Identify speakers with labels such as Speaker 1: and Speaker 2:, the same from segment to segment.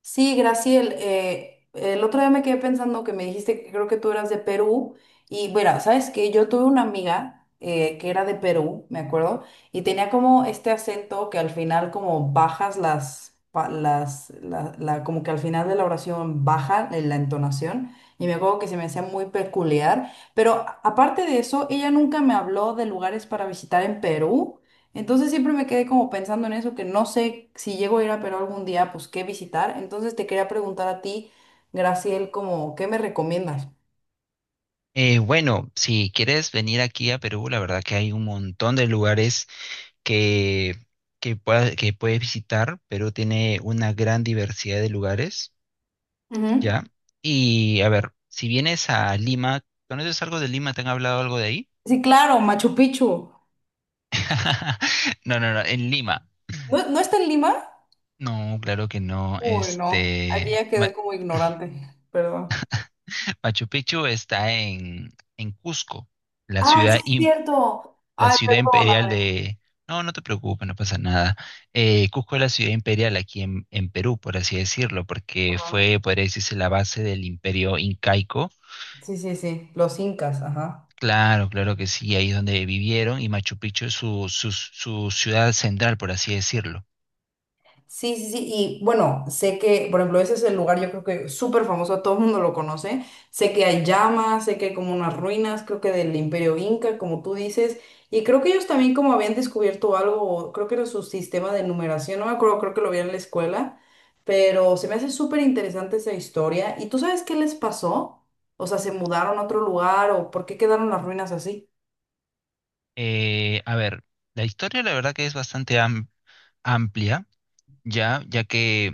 Speaker 1: Sí, Graciel, el otro día me quedé pensando que me dijiste que creo que tú eras de Perú y bueno, sabes que yo tuve una amiga que era de Perú, me acuerdo, y tenía como este acento que al final como bajas las, pa- las, la- como que al final de la oración baja en la entonación y me acuerdo que se me hacía muy peculiar, pero aparte de eso, ella nunca me habló de lugares para visitar en Perú. Entonces siempre me quedé como pensando en eso, que no sé si llego a ir a Perú algún día, pues qué visitar. Entonces te quería preguntar a ti, Graciel, como, ¿qué me recomiendas?
Speaker 2: Bueno, si quieres venir aquí a Perú, la verdad que hay un montón de lugares que, que puedes visitar. Perú tiene una gran diversidad de lugares,
Speaker 1: Ujú.
Speaker 2: ¿ya? Y a ver, si vienes a Lima, ¿conoces algo de Lima? ¿Te han hablado algo de ahí?
Speaker 1: Sí, claro, Machu Picchu.
Speaker 2: No, no, no, en Lima.
Speaker 1: ¿No, no está en Lima?
Speaker 2: No, claro que no.
Speaker 1: Uy, no, aquí
Speaker 2: Este,
Speaker 1: ya quedé como ignorante, perdón.
Speaker 2: Machu Picchu está en Cusco, la
Speaker 1: Ah, sí
Speaker 2: ciudad
Speaker 1: es cierto.
Speaker 2: la
Speaker 1: Ay,
Speaker 2: ciudad imperial
Speaker 1: perdóname.
Speaker 2: de. No, no te preocupes, no pasa nada. Cusco es la ciudad imperial aquí en Perú, por así decirlo, porque
Speaker 1: Ajá.
Speaker 2: fue, podría decirse, la base del imperio incaico.
Speaker 1: Sí, sí, sí, los incas, ajá.
Speaker 2: Claro, claro que sí, ahí es donde vivieron y Machu Picchu es su ciudad central, por así decirlo.
Speaker 1: Sí, sí, sí, y bueno, sé que, por ejemplo, ese es el lugar, yo creo que súper famoso, todo el mundo lo conoce, sé que hay llamas, sé que hay como unas ruinas, creo que del Imperio Inca, como tú dices, y creo que ellos también como habían descubierto algo, o creo que era su sistema de numeración, no me acuerdo, creo que lo vi en la escuela, pero se me hace súper interesante esa historia, ¿y tú sabes qué les pasó? O sea, ¿se mudaron a otro lugar o por qué quedaron las ruinas así?
Speaker 2: A ver, la historia la verdad que es bastante amplia, ya que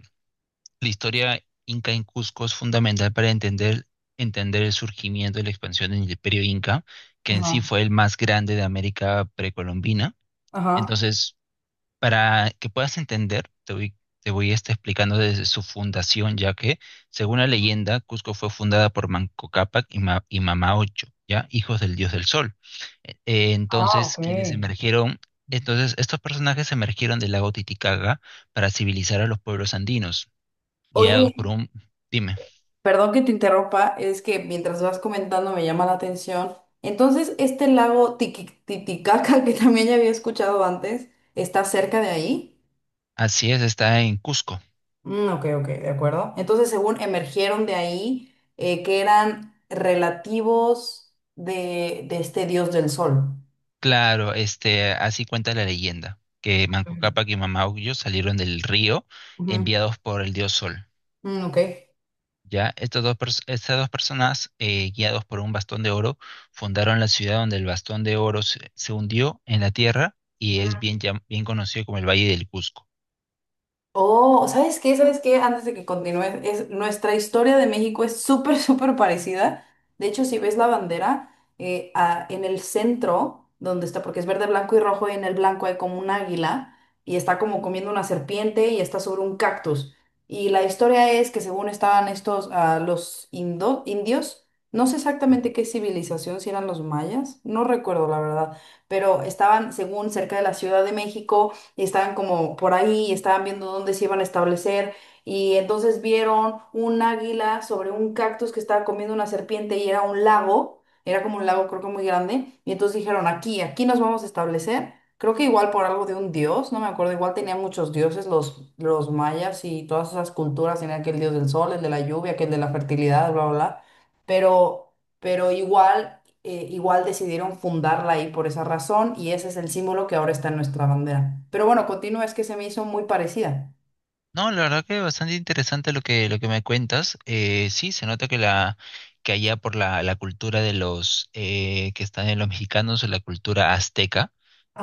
Speaker 2: la historia inca en Cusco es fundamental para entender el surgimiento y la expansión del imperio inca, que en sí
Speaker 1: Ajá,
Speaker 2: fue el más grande de América precolombina.
Speaker 1: ajá.
Speaker 2: Entonces, para que puedas entender, te voy a estar explicando desde su fundación, ya que, según la leyenda, Cusco fue fundada por Manco Cápac y Mamá Ocho, ¿ya? Hijos del dios del sol.
Speaker 1: Ah, ok.
Speaker 2: Entonces, entonces, estos personajes emergieron del lago Titicaca para civilizar a los pueblos andinos guiados por
Speaker 1: Oye.
Speaker 2: un. Dime,
Speaker 1: Perdón que te interrumpa, es que mientras vas comentando me llama la atención. Entonces, este lago Titicaca, que también ya había escuchado antes, está cerca de ahí.
Speaker 2: así es, está en Cusco.
Speaker 1: Mm, ok, ok, de acuerdo. Entonces, según emergieron de ahí, que eran relativos de este dios del sol.
Speaker 2: Claro, este, así cuenta la leyenda, que Manco
Speaker 1: Ujú,
Speaker 2: Cápac y Mamahuyo salieron del río enviados por el dios Sol.
Speaker 1: mm, ok.
Speaker 2: Ya, estas dos personas, guiados por un bastón de oro, fundaron la ciudad donde el bastón de oro se hundió en la tierra y es bien conocido como el Valle del Cusco.
Speaker 1: Oh, ¿sabes qué? ¿Sabes qué? Antes de que continúe, es, nuestra historia de México es súper, súper parecida. De hecho, si ves la bandera, en el centro, donde está, porque es verde, blanco y rojo, y en el blanco hay como un águila, y está como comiendo una serpiente y está sobre un cactus. Y la historia es que según estaban estos, ah, los indios, no sé exactamente qué civilización, si eran los mayas, no recuerdo la verdad, pero estaban según cerca de la Ciudad de México y estaban como por ahí y estaban viendo dónde se iban a establecer y entonces vieron un águila sobre un cactus que estaba comiendo una serpiente y era un lago, era como un lago creo que muy grande y entonces dijeron aquí, aquí nos vamos a establecer. Creo que igual por algo de un dios, no me acuerdo, igual tenían muchos dioses los mayas y todas esas culturas, tenían aquel dios del sol, el de la lluvia, aquel de la fertilidad, bla, bla, bla. Pero, pero igual igual decidieron fundarla ahí por esa razón y ese es el símbolo que ahora está en nuestra bandera. Pero bueno, continúa, es que se me hizo muy parecida.
Speaker 2: No, la verdad que bastante interesante lo que me cuentas. Sí, se nota que la que allá por la cultura de los que están en los mexicanos, la cultura azteca,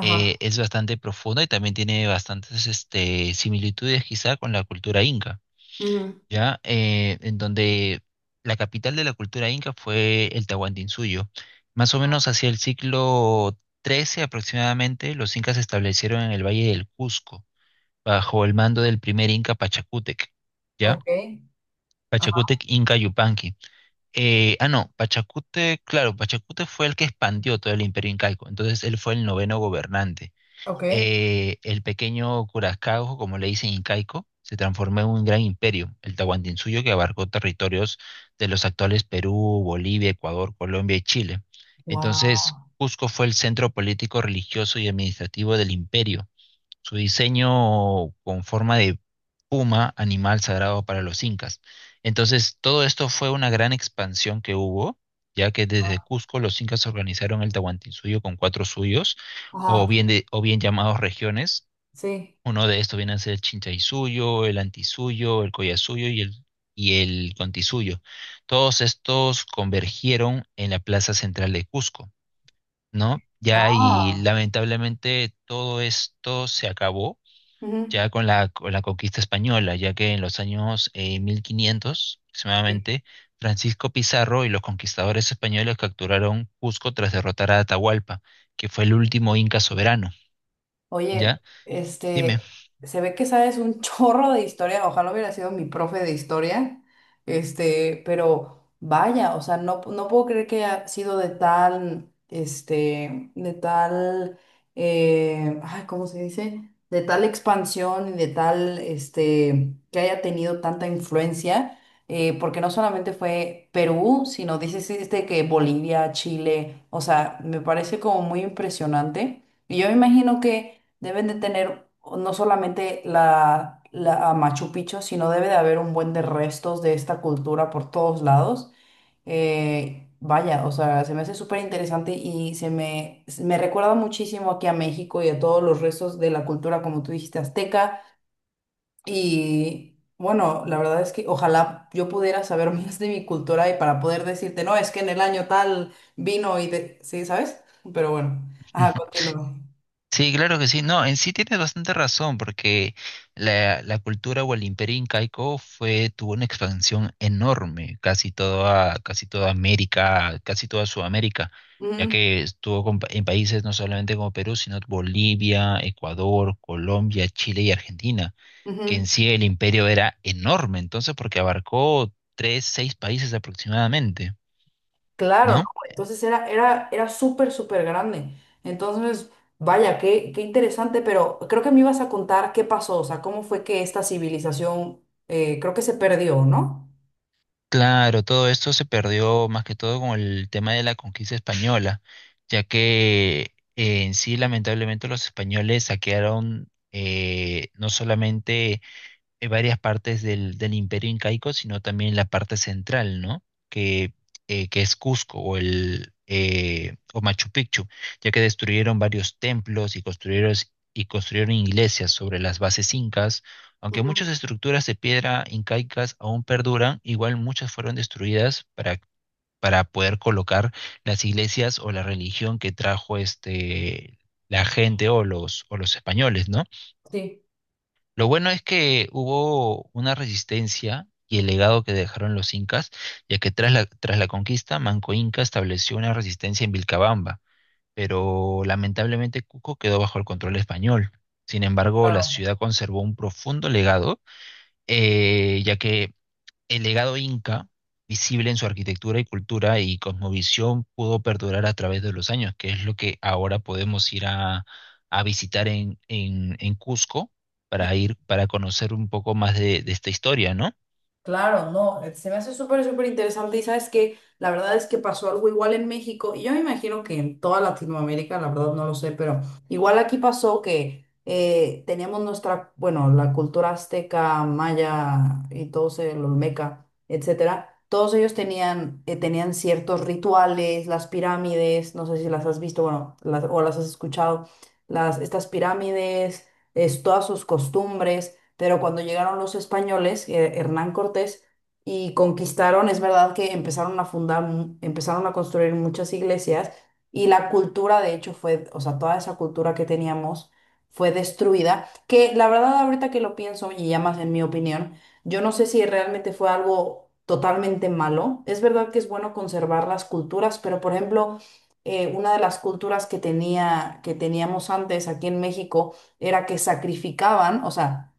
Speaker 2: es bastante profunda y también tiene bastantes este, similitudes quizá con la cultura inca,
Speaker 1: Ujú.
Speaker 2: ¿ya? En donde la capital de la cultura inca fue el Tahuantinsuyo. Más o menos hacia el siglo XIII aproximadamente, los incas se establecieron en el Valle del Cusco bajo el mando del primer Inca Pachacútec, ¿ya?
Speaker 1: Ok. Ajá.
Speaker 2: Pachacútec Inca Yupanqui. Ah, no, Pachacútec, claro, Pachacútec fue el que expandió todo el imperio incaico, entonces él fue el noveno gobernante.
Speaker 1: Ok.
Speaker 2: El pequeño Curaçao, como le dicen incaico, se transformó en un gran imperio, el Tahuantinsuyo, que abarcó territorios de los actuales Perú, Bolivia, Ecuador, Colombia y Chile. Entonces,
Speaker 1: Wow.
Speaker 2: Cusco fue el centro político, religioso y administrativo del imperio. Su diseño con forma de puma, animal sagrado para los incas. Entonces, todo esto fue una gran expansión que hubo, ya que desde Cusco los incas organizaron el Tahuantinsuyo con cuatro suyos, o
Speaker 1: Ajá.
Speaker 2: bien, de- o bien llamados regiones.
Speaker 1: Sí.
Speaker 2: Uno de estos viene a ser el Chinchaisuyo, el Antisuyo, el Collasuyo y el Contisuyo. Todos estos convergieron en la plaza central de Cusco, ¿no? Ya, y
Speaker 1: Ah.
Speaker 2: lamentablemente todo esto se acabó
Speaker 1: Ujú.
Speaker 2: ya con la conquista española, ya que en los años 1500 aproximadamente, Francisco Pizarro y los conquistadores españoles capturaron Cusco tras derrotar a Atahualpa, que fue el último inca soberano.
Speaker 1: Oye,
Speaker 2: ¿Ya? Dime.
Speaker 1: este, se ve que sabes un chorro de historia, ojalá hubiera sido mi profe de historia, este, pero vaya, o sea, no, no puedo creer que haya sido de tal, este, de tal, ay, ¿cómo se dice? De tal expansión y de tal, este, que haya tenido tanta influencia, porque no solamente fue Perú, sino dices este que Bolivia, Chile, o sea, me parece como muy impresionante. Y yo me imagino que deben de tener no solamente la a Machu Picchu, sino debe de haber un buen de restos de esta cultura por todos lados. Vaya, o sea, se me hace súper interesante y me recuerda muchísimo aquí a México y a todos los restos de la cultura, como tú dijiste, azteca. Y bueno, la verdad es que ojalá yo pudiera saber más de mi cultura y para poder decirte, no, es que en el año tal vino y de... Sí, ¿sabes? Pero bueno, ajá, continúo.
Speaker 2: Sí, claro que sí. No, en sí tienes bastante razón, porque la cultura o el imperio incaico fue, tuvo una expansión enorme, casi toda América, casi toda Sudamérica, ya
Speaker 1: Ujú,
Speaker 2: que estuvo en países no solamente como Perú, sino Bolivia, Ecuador, Colombia, Chile y Argentina, que
Speaker 1: ujú.
Speaker 2: en sí el imperio era enorme, entonces, porque abarcó tres, seis países aproximadamente,
Speaker 1: Claro, ¿no?
Speaker 2: ¿no?
Speaker 1: Entonces era, era, era súper, súper grande. Entonces, vaya, qué, qué interesante, pero creo que me ibas a contar qué pasó, o sea, cómo fue que esta civilización, creo que se perdió, ¿no?
Speaker 2: Claro, todo esto se perdió más que todo con el tema de la conquista española, ya que en sí lamentablemente los españoles saquearon no solamente varias partes del Imperio Incaico, sino también la parte central, ¿no? Que, que es Cusco o el o Machu Picchu, ya que destruyeron varios templos y construyeron iglesias sobre las bases incas. Aunque muchas
Speaker 1: Ujú.
Speaker 2: estructuras de piedra incaicas aún perduran, igual muchas fueron destruidas para poder colocar las iglesias o la religión que trajo este, la gente o los españoles, ¿no?
Speaker 1: Sí,
Speaker 2: Lo bueno es que hubo una resistencia y el legado que dejaron los incas, ya que tras la conquista, Manco Inca estableció una resistencia en Vilcabamba, pero lamentablemente Cusco quedó bajo el control español. Sin embargo, la
Speaker 1: claro.
Speaker 2: ciudad conservó un profundo legado, ya que el legado inca, visible en su arquitectura y cultura y cosmovisión, pudo perdurar a través de los años, que es lo que ahora podemos ir a visitar en Cusco para conocer un poco más de esta historia, ¿no?
Speaker 1: Claro, no, se me hace súper, súper interesante y sabes que la verdad es que pasó algo igual en México y yo me imagino que en toda Latinoamérica, la verdad no lo sé, pero igual aquí pasó que teníamos nuestra, bueno, la cultura azteca, maya y todos el olmeca, etcétera, todos ellos tenían, tenían ciertos rituales, las pirámides, no sé si las has visto, bueno, las, o las has escuchado, las, estas pirámides, es, todas sus costumbres pero cuando llegaron los españoles, Hernán Cortés, y conquistaron, es verdad que empezaron a fundar, empezaron a construir muchas iglesias y la cultura, de hecho, fue, o sea, toda esa cultura que teníamos fue destruida, que la verdad ahorita que lo pienso y ya más en mi opinión, yo no sé si realmente fue algo totalmente malo. Es verdad que es bueno conservar las culturas, pero por ejemplo, una de las culturas que tenía, que teníamos antes aquí en México era que sacrificaban, o sea,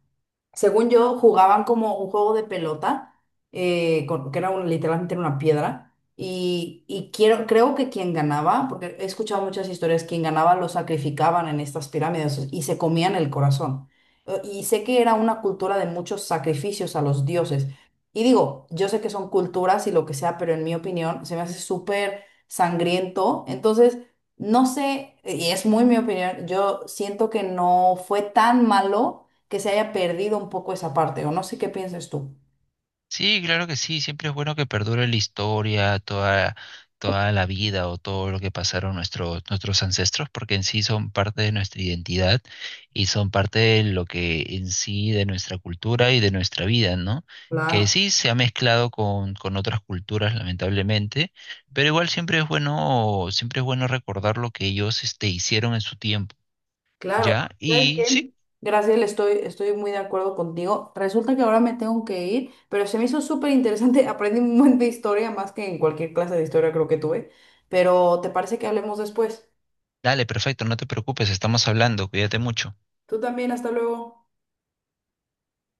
Speaker 1: según yo, jugaban como un juego de pelota, que era literalmente era una piedra. Y quiero, creo que quien ganaba, porque he escuchado muchas historias, quien ganaba lo sacrificaban en estas pirámides y se comían el corazón. Y sé que era una cultura de muchos sacrificios a los dioses. Y digo, yo sé que son culturas y lo que sea, pero en mi opinión se me hace súper sangriento. Entonces, no sé, y es muy mi opinión, yo siento que no fue tan malo que se haya perdido un poco esa parte, o no sé qué pienses tú.
Speaker 2: Sí, claro que sí, siempre es bueno que perdure la historia, toda la vida o todo lo que pasaron nuestros ancestros, porque en sí son parte de nuestra identidad y son parte de lo que en sí de nuestra cultura y de nuestra vida, ¿no? Que
Speaker 1: Claro,
Speaker 2: sí se ha mezclado con otras culturas, lamentablemente, pero igual siempre es bueno recordar lo que ellos este, hicieron en su tiempo,
Speaker 1: claro.
Speaker 2: ¿ya?
Speaker 1: ¿Sabes
Speaker 2: Y
Speaker 1: qué?
Speaker 2: sí,
Speaker 1: Gracias, estoy, estoy muy de acuerdo contigo. Resulta que ahora me tengo que ir, pero se me hizo súper interesante. Aprendí un montón de historia, más que en cualquier clase de historia creo que tuve. Pero ¿te parece que hablemos después?
Speaker 2: dale, perfecto, no te preocupes, estamos hablando, cuídate mucho.
Speaker 1: Tú también, hasta luego.